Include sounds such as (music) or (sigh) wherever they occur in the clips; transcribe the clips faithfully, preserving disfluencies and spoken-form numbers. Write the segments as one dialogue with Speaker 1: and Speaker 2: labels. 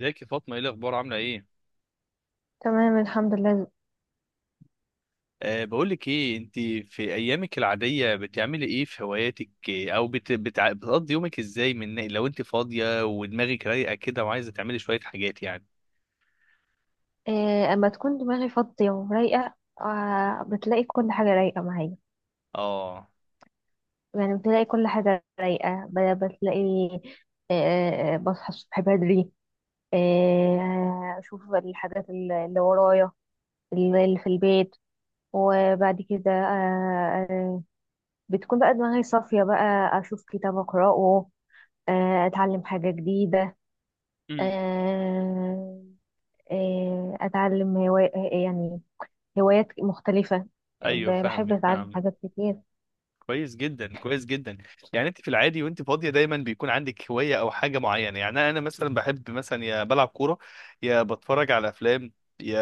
Speaker 1: ازيك يا فاطمة، ايه الأخبار، عاملة ايه؟
Speaker 2: تمام الحمد لله.
Speaker 1: أه، بقولك ايه، انت في أيامك العادية بتعملي ايه في هواياتك إيه، أو بت... بتع... بتقضي يومك ازاي من لو انت فاضية ودماغك رايقة كده وعايزة تعملي شوية حاجات يعني.
Speaker 2: إيه اما تكون دماغي فاضية ورايقة، آه بتلاقي كل حاجة رايقة معايا.
Speaker 1: اه.
Speaker 2: يعني بتلاقي كل حاجة رايقة، ب- بتلاقي آه بصحى الصبح بدري، آه أشوف الحاجات الل- اللي ورايا، اللي اللي في البيت. وبعد كده آه آه، بتكون بقى دماغي صافية بقى، أشوف كتاب أقرأه، آه أتعلم حاجة جديدة.
Speaker 1: مم.
Speaker 2: آه آه أتعلم هواية، يعني هوايات مختلفة.
Speaker 1: ايوه،
Speaker 2: ب- بحب
Speaker 1: فاهمك
Speaker 2: أتعلم
Speaker 1: فاهمك.
Speaker 2: حاجات كتير.
Speaker 1: كويس جدا، كويس جدا. يعني انت في العادي وانت فاضيه دايما بيكون عندك هوايه او حاجه معينه. يعني انا أنا مثلا بحب، مثلا يا بلعب كوره، يا بتفرج على افلام، يا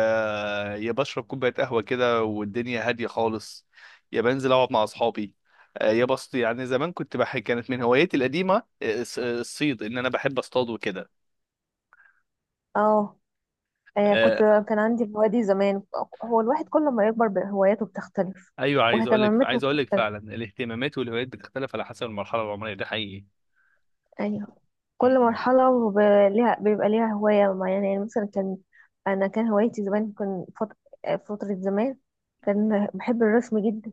Speaker 1: يا بشرب كوبايه قهوه كده والدنيا هاديه خالص، يا بنزل اقعد مع اصحابي. آه، يا بص، يعني زمان كنت بحب، كانت من هواياتي القديمه، آه، الص- الصيد، ان انا بحب اصطاد وكده.
Speaker 2: اه آه، كنت
Speaker 1: آه،
Speaker 2: كان عندي هوايات زمان. هو الواحد كل ما يكبر ب- هواياته بتختلف
Speaker 1: ايوه، عايز اقول لك
Speaker 2: واهتماماته
Speaker 1: عايز اقول لك
Speaker 2: بتختلف.
Speaker 1: فعلا الاهتمامات والهوايات بتختلف على حسب المرحله العمريه، ده حقيقي.
Speaker 2: أيوه، كل مرحلة وب- ليها بيبقى ليها هواية معينة. يعني مثلا كان، أنا كان هوايتي زمان كان فت- آه، فترة زمان كان بحب الرسم جدا،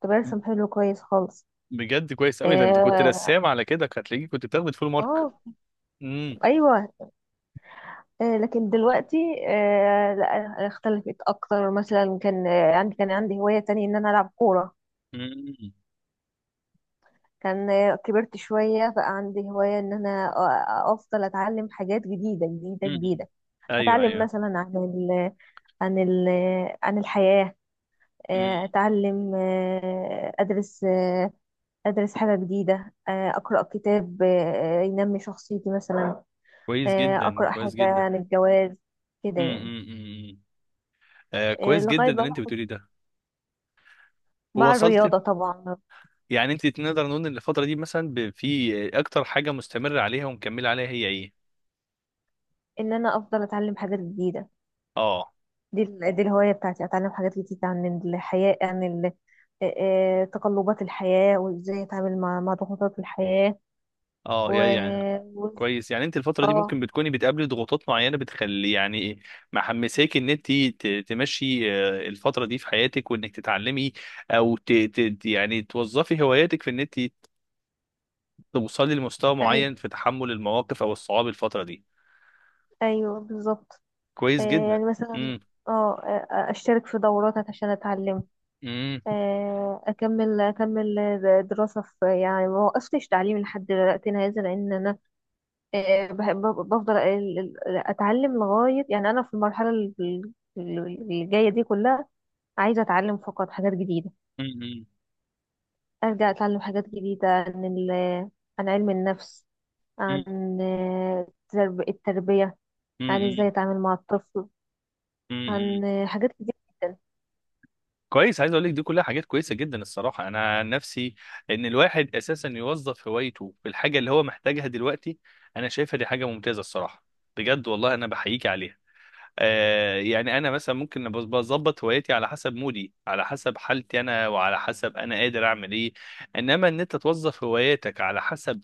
Speaker 2: كنت
Speaker 1: مم.
Speaker 2: برسم حلو كويس خالص.
Speaker 1: بجد كويس قوي، ده انت كنت
Speaker 2: اه
Speaker 1: رسام، على كده كانت هتلاقيك كنت بتاخد فول مارك.
Speaker 2: آه،
Speaker 1: امم.
Speaker 2: ايوه آه، لكن دلوقتي، آه، لا، اختلفت اكتر. مثلا كان آه، عندي كان عندي هواية تانية ان انا العب كورة.
Speaker 1: امم.
Speaker 2: كان، آه، كبرت شوية بقى عندي هواية ان انا أ- افضل اتعلم حاجات جديدة جديدة
Speaker 1: امم.
Speaker 2: جديدة.
Speaker 1: ايوه،
Speaker 2: اتعلم
Speaker 1: ايوه.
Speaker 2: مثلا عن ال عن ال عن الحياة.
Speaker 1: امم.
Speaker 2: آه، اتعلم آه، ادرس، آه، ادرس حاجة جديدة، آه، اقرأ كتاب آه، ينمي شخصيتي مثلا.
Speaker 1: كويس
Speaker 2: آه،
Speaker 1: جدا،
Speaker 2: اقرأ
Speaker 1: كويس
Speaker 2: حاجة
Speaker 1: جدا.
Speaker 2: عن الجواز، كده يعني.
Speaker 1: امم. امم. آه
Speaker 2: آه،
Speaker 1: كويس
Speaker 2: لغاية
Speaker 1: جدا ان انت
Speaker 2: بقى
Speaker 1: بتقولي ده.
Speaker 2: مع
Speaker 1: ووصلت.
Speaker 2: الرياضة طبعا
Speaker 1: يعني انت نقدر نقول ان الفتره دي مثلا، ب- في اكتر حاجه مستمره عليها ومكمله عليها، هي ايه؟
Speaker 2: ان انا افضل اتعلم حاجات جديدة.
Speaker 1: اه.
Speaker 2: دي ال- دي الهواية بتاعتي، اتعلم حاجات جديدة عن الحياة، عن ال- آه، آه، تقلبات الحياة وازاي اتعامل مع مع ضغوطات الحياة. و
Speaker 1: اه. يعني
Speaker 2: و-
Speaker 1: كويس، يعني انت الفترة دي ممكن
Speaker 2: اه،
Speaker 1: بتكوني بتقابلي ضغوطات معينة بتخلي، يعني إيه، محمساك ان انت ت- تمشي آه، الفترة دي في حياتك وانك تتعلمي، او ت... ت... يعني توظفي هواياتك في ان انت توصلي لمستوى
Speaker 2: اي،
Speaker 1: معين في تحمل المواقف او الصعاب الفترة دي.
Speaker 2: ايوه بالظبط.
Speaker 1: كويس
Speaker 2: آه، يعني
Speaker 1: جدا.
Speaker 2: مثلا،
Speaker 1: امم.
Speaker 2: اه آه، اشترك في دورات عشان اتعلم، آه، اكمل اكمل دراسة في. يعني ما وقفتش تعليم لحد دلوقتي، هذا لان انا آه، بحب- بفضل ال- ال- اتعلم لغايه. يعني انا في المرحله ال- ال- اللي جايه دي كلها عايزه اتعلم فقط حاجات جديده.
Speaker 1: امم.
Speaker 2: ارجع اتعلم حاجات جديده عن ال- عن علم النفس، عن آه، ترب- التربيه، عن ازاي
Speaker 1: امم.
Speaker 2: اتعامل مع الطفل،
Speaker 1: امم.
Speaker 2: عن آه، حاجات كتير جدا.
Speaker 1: كويس، عايز اقول لك دي كلها حاجات كويسه جدا الصراحه. انا عن نفسي، ان الواحد اساسا يوظف هوايته في الحاجه اللي هو محتاجها دلوقتي، انا شايفها دي حاجه ممتازه الصراحه. بجد والله انا بحييك عليها. آه يعني انا مثلا ممكن بز- بظبط هوايتي على حسب مودي، على حسب حالتي انا، وعلى حسب انا قادر اعمل ايه. انما ان انت توظف هواياتك على حسب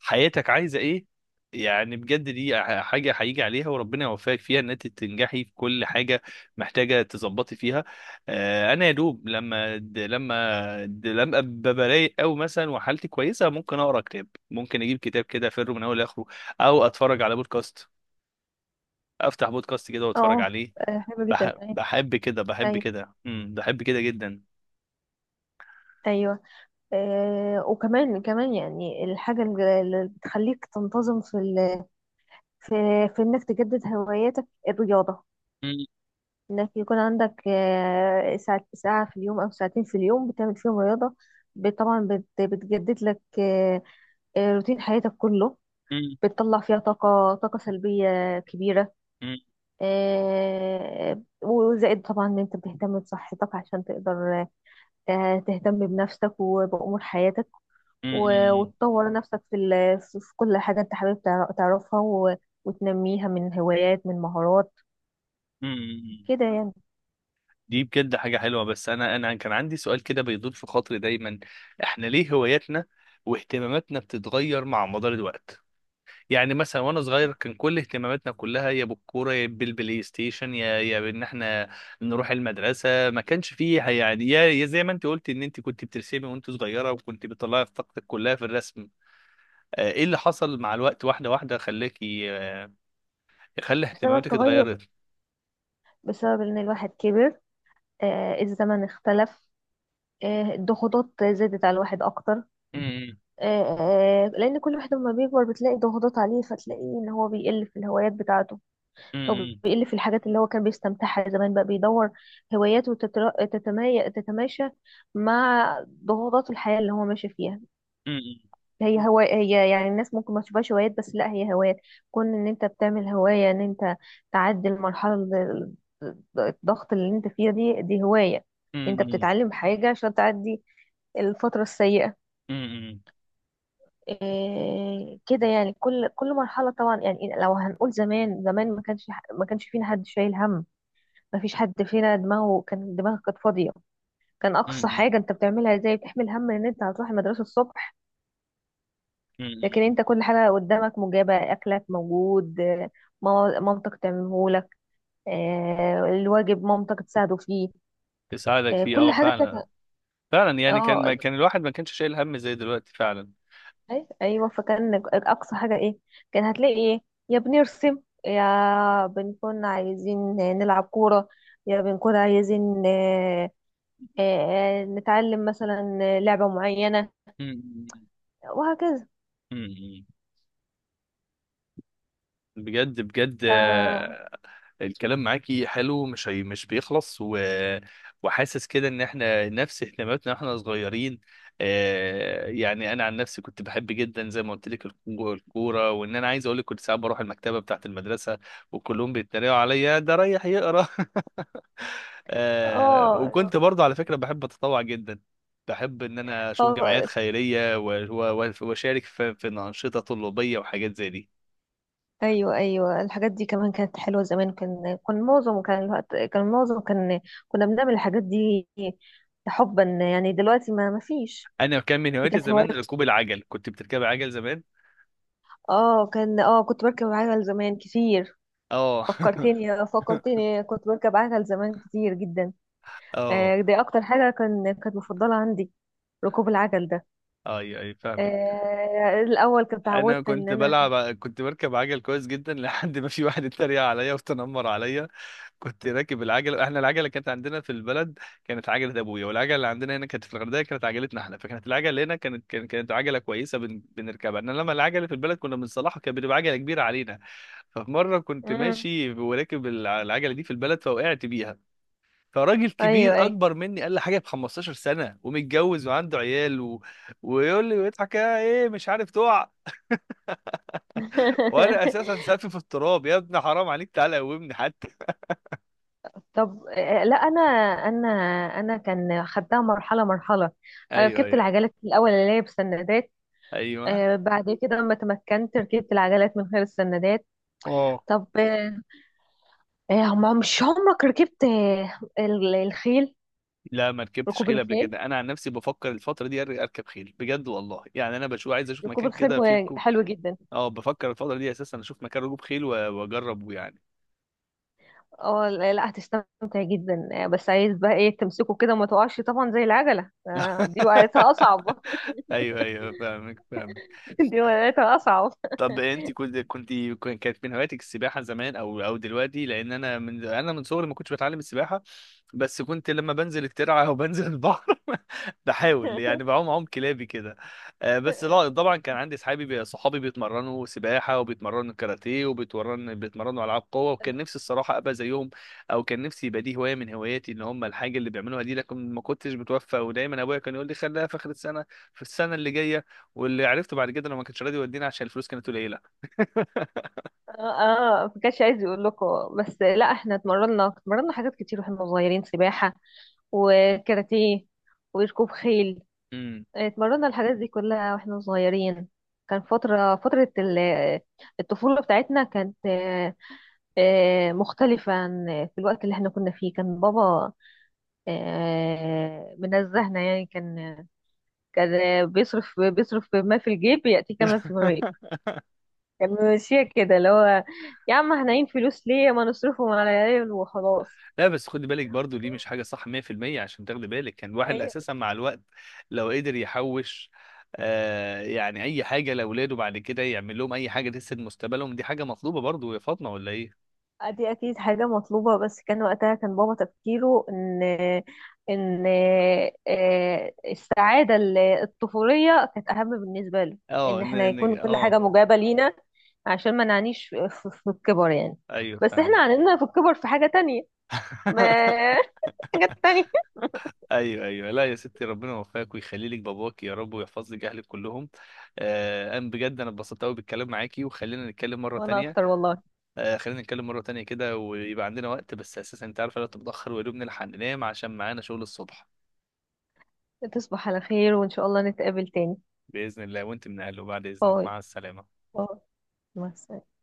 Speaker 1: حياتك عايزه ايه، يعني بجد دي ح- حاجه هيجي عليها، وربنا يوفقك فيها ان انت تنجحي في كل حاجه محتاجه تظبطي فيها. آه، انا يا دوب لما د- لما د- لما أبقى رايق، او مثلا وحالتي كويسه، ممكن اقرا كتاب، ممكن اجيب كتاب كده افره من اول لاخره، او اتفرج على بودكاست، افتح بودكاست كده واتفرج
Speaker 2: اه
Speaker 1: عليه.
Speaker 2: آه، حلوه جدا.
Speaker 1: بح-
Speaker 2: اي
Speaker 1: بحب كده، بحب
Speaker 2: اي
Speaker 1: كده، امم بحب كده جدا.
Speaker 2: ايوه، آه، وكمان كمان. يعني الحاجه اللي اللي بتخليك تنتظم في ال- في في انك تجدد هواياتك، الرياضه.
Speaker 1: مم.
Speaker 2: انك يكون عندك آه، ساعة ساعة في اليوم او ساعتين في اليوم بتعمل فيهم رياضة. ب- طبعا بت- بتجدد لك آه، آه، روتين حياتك كله،
Speaker 1: مم.
Speaker 2: بتطلع فيها طاقة طاقة سلبية كبيرة.
Speaker 1: مم.
Speaker 2: آه، وزائد طبعا ان انت بتهتم بصحتك عشان تقدر آه، تهتم بنفسك وبأمور حياتك،
Speaker 1: مم.
Speaker 2: و-
Speaker 1: مم.
Speaker 2: وتطور نفسك في ال- في في كل حاجة انت حابب تعر- تعرفها و- وتنميها، من هوايات، من مهارات،
Speaker 1: مم. مم.
Speaker 2: كده يعني.
Speaker 1: دي بجد حاجة حلوة، بس أنا أنا كان عندي سؤال كده بيدور في خاطري دايما، إحنا ليه هواياتنا واهتماماتنا بتتغير مع مدار الوقت؟ يعني مثلا وأنا صغير كان كل اهتماماتنا كلها يا بالكورة يا بالبلاي ستيشن يا يا بإن إحنا نروح المدرسة، ما كانش فيه يعني، يا يا زي ما أنت قلت إن أنت كنت بترسمي وأنت صغيرة وكنت بتطلعي في طاقتك كلها في الرسم. آه، إيه اللي حصل مع الوقت واحدة واحدة خلاكي آه، خلى
Speaker 2: بسبب
Speaker 1: اهتماماتك
Speaker 2: تغير،
Speaker 1: اتغيرت؟
Speaker 2: بسبب ان الواحد كبر، آه، الزمن اختلف، آه، الضغوطات زادت على الواحد اكتر.
Speaker 1: امم.
Speaker 2: آه، آه، لان كل واحد لما بيكبر بتلاقي ضغوطات عليه، فتلاقيه ان هو بيقل في الهوايات بتاعته، او
Speaker 1: امم.
Speaker 2: بيقل في الحاجات اللي هو كان بيستمتعها زمان. بقى بيدور هواياته تتر- تتماي- تتماشى مع ضغوطات الحياة اللي هو ماشي فيها. هي هو هي، يعني الناس ممكن ما تشوفهاش هوايات، بس لا، هي هوايات. كون ان انت بتعمل هواية ان انت تعدي المرحلة، ال- ال- الضغط اللي انت فيها، دي دي هواية. انت
Speaker 1: امم.
Speaker 2: بتتعلم حاجة عشان تعدي الفترة السيئة.
Speaker 1: امم.
Speaker 2: إيه كده يعني. كل كل مرحلة طبعا. يعني لو هنقول زمان، زمان ما كانش ح- ما كانش فينا حد شايل هم، ما فيش حد فينا دماغه كان دماغه كانت فاضية. كان اقصى
Speaker 1: امم.
Speaker 2: حاجة انت بتعملها زي بتحمل هم ان انت هتروح المدرسة الصبح. لكن
Speaker 1: امم.
Speaker 2: انت كل حاجة قدامك مجابة، اكلك موجود، آه، ماما- مامتك تعملهولك، آه، الواجب مامتك تساعده فيه،
Speaker 1: تساعدك
Speaker 2: آه،
Speaker 1: فيه،
Speaker 2: كل
Speaker 1: اه
Speaker 2: حاجة كانت.
Speaker 1: فعلا. فعلا، يعني كان ما
Speaker 2: اه،
Speaker 1: كان الواحد ما كانش شايل هم زي دلوقتي فعلا.
Speaker 2: أي- ايوه، فكان اقصى حاجة ايه، كان هتلاقي ايه، يا بنرسم، يا بنكون عايزين نلعب كورة، يا بنكون عايزين آه، آه، آه، نتعلم مثلا لعبة معينة،
Speaker 1: امم.
Speaker 2: وهكذا.
Speaker 1: امم. بجد بجد.
Speaker 2: ف
Speaker 1: آه، الكلام معاكي حلو، مش هي مش بيخلص و... وحاسس كده ان احنا نفس اهتماماتنا واحنا صغيرين. آه، يعني انا عن نفسي كنت بحب جدا زي ما قلت لك الكو- الكوره، وان انا عايز اقول لك كنت ساعات بروح المكتبه بتاعت المدرسه وكلهم بيتريقوا عليا، ده رايح يقرا. آه
Speaker 2: اه
Speaker 1: وكنت برضه على فكرة بحب أتطوع جدا. بحب إن أنا أشوف جمعيات خيرية و- و- و- وأشارك في في أنشطة طلابية وحاجات زي دي.
Speaker 2: ايوه، ايوه، الحاجات دي كمان كانت حلوه زمان. كان كان معظم كان الوقت كان معظم كان كنا بنعمل الحاجات دي حبا يعني، دلوقتي ما ما فيش.
Speaker 1: أنا كان من
Speaker 2: دي
Speaker 1: هواياتي
Speaker 2: كانت هوايه،
Speaker 1: زمان ركوب العجل، كنت بتركب عجل زمان.
Speaker 2: اه كان، اه كنت بركب عجل زمان كتير.
Speaker 1: اه.
Speaker 2: فكرتني، آه، فكرتني كنت بركب عجل زمان كتير جدا.
Speaker 1: (laughs) اه.
Speaker 2: آه، دي اكتر حاجه كان كانت مفضله عندي، ركوب العجل ده.
Speaker 1: اي اي فاهمك.
Speaker 2: آه، الاول كنت
Speaker 1: انا
Speaker 2: اتعودت ان
Speaker 1: كنت
Speaker 2: انا.
Speaker 1: بلعب كنت بركب عجل كويس جدا لحد ما في واحد اتريق عليا وتنمر عليا. كنت راكب العجله، احنا العجله كانت عندنا في البلد كانت عجله ابويا، والعجله اللي عندنا هنا كانت في الغردقه كانت عجلتنا احنا. فكانت العجله هنا كانت كانت كانت عجله كويسه بن... بنركبها، انما لما العجله في البلد كنا بنصلحها كانت بتبقى عجله كبيره علينا. ففي مره كنت
Speaker 2: مم.
Speaker 1: ماشي وراكب الع- العجله دي في البلد فوقعت بيها. فراجل كبير
Speaker 2: ايوه، ايوه.
Speaker 1: اكبر مني قال لي حاجه ب خمستاشر سنه، ومتجوز وعنده عيال و... ويقول لي ويضحك: يا، ايه مش عارف تقع؟ وانا اساسا
Speaker 2: (laughs)
Speaker 1: سافي في التراب، يا ابني حرام عليك، تعالى قومني حتى.
Speaker 2: طب، آه، لا انا، انا انا كان خدتها مرحله مرحله.
Speaker 1: (laughs)
Speaker 2: أنا
Speaker 1: ايوه،
Speaker 2: ركبت
Speaker 1: ايوه،
Speaker 2: العجلات في الاول اللي هي بسندات،
Speaker 1: ايوه.
Speaker 2: آه، بعد كده لما تمكنت ركبت العجلات من غير السندات. طب آه، آه، ما- مش عمرك ركبت آه، ال- الخيل،
Speaker 1: لا ما ركبتش
Speaker 2: ركوب
Speaker 1: خيل قبل
Speaker 2: الخيل،
Speaker 1: كده، انا عن نفسي بفكر الفتره دي أر- اركب خيل بجد والله. يعني انا بشوف، عايز اشوف
Speaker 2: ركوب
Speaker 1: مكان
Speaker 2: الخيل
Speaker 1: كده فيه
Speaker 2: و-
Speaker 1: ركوب.
Speaker 2: حلو جدا.
Speaker 1: اه، بفكر الفتره دي اساسا اشوف مكان ركوب خيل و- واجربه يعني.
Speaker 2: اه لا لا، هتستمتع جدا، آه، بس عايز بقى ايه تمسكه كده وما تقعش طبعا زي العجله. آه، دي وقعتها اصعب.
Speaker 1: (laughs) ايوه، ايوه، فاهمك فاهمك.
Speaker 2: (laughs) دي وقعتها اصعب.
Speaker 1: طب انت كنت كنت كانت من هواياتك السباحه زمان او او دلوقتي؟ لان انا من انا من صغري ما كنتش بتعلم السباحه، بس كنت لما بنزل الترعه (laughs) او بنزل البحر (laughs) بحاول يعني
Speaker 2: (laughs)
Speaker 1: بعوم عوم كلابي كده. آه، بس لا طبعا كان عندي اصحابي بي- صحابي بيتمرنوا سباحه وبيتمرنوا كاراتيه وبيتمرن بيتمرنوا العاب قوه، وكان نفسي الصراحه ابقى زيهم، او كان نفسي يبقى دي هوايه من هواياتي ان هم الحاجه اللي بيعملوها دي، لكن ما كنتش متوفق، ودايما ابويا كان يقول لي خليها في اخر السنه، في السنه اللي جايه. واللي عرفته بعد كده انه ما كانش راضي يودينا عشان الفلوس كانت قليله.
Speaker 2: اه، آه، ما كانش عايز يقول لكم. بس لا، احنا اتمرنا اتمرنا حاجات كتير واحنا صغيرين، سباحة وكاراتيه وركوب خيل،
Speaker 1: امم.
Speaker 2: اتمرنا الحاجات دي كلها واحنا صغيرين. كان فترة فترة ال- الطفولة بتاعتنا كانت آه، آه، مختلفة عن في الوقت اللي احنا كنا فيه. كان بابا آه، منزهنا يعني. كان كان بيصرف، بيصرف ما في الجيب يأتي كما في الغيب.
Speaker 1: (laughs)
Speaker 2: كان ماشية كده، اللي هو يا عم احنا عين، فلوس ليه، ما نصرفهم على العيال وخلاص.
Speaker 1: لا بس خدي بالك برضو، دي مش حاجة صح مية في المية، عشان تاخدي بالك كان الواحد
Speaker 2: أي،
Speaker 1: أساسا مع الوقت لو قدر يحوش آه يعني أي حاجة لأولاده، بعد كده يعمل لهم أي حاجة تسد مستقبلهم. دي حاجة مطلوبة برضو يا فاطمة، ولا إيه؟
Speaker 2: دي أكيد حاجة مطلوبة، بس كان وقتها كان بابا تفكيره إن إن آه، السعادة ال- الطفولية كانت أهم بالنسبة له،
Speaker 1: أه
Speaker 2: إن
Speaker 1: إن
Speaker 2: إحنا
Speaker 1: إن
Speaker 2: يكون كل حاجة
Speaker 1: أه
Speaker 2: مجابة لينا عشان ما نعنيش في في- في الكبر يعني.
Speaker 1: أيوه،
Speaker 2: بس إحنا
Speaker 1: فاهمة.
Speaker 2: عنينا في الكبر في حاجة تانية. ما
Speaker 1: (laughs)
Speaker 2: (laughs) حاجة تانية.
Speaker 1: ايوه، ايوه. لا يا ستي، ربنا يوفقك ويخلي لك باباك يا رب ويحفظ لك اهلك كلهم. آه انا بجد انا اتبسطت قوي بالكلام معاكي، وخلينا نتكلم مره
Speaker 2: وأنا
Speaker 1: تانية.
Speaker 2: أكتر والله.
Speaker 1: آه، خلينا نتكلم مرة تانية كده ويبقى عندنا وقت، بس أساسا أنت عارف، الوقت متأخر ويا دوب نلحق ننام عشان معانا شغل الصبح.
Speaker 2: تصبح على خير، وإن شاء الله نتقابل تاني.
Speaker 1: بإذن الله وأنت من أهله، بعد إذنك،
Speaker 2: باي،
Speaker 1: مع السلامة.
Speaker 2: باي، مع السلامة.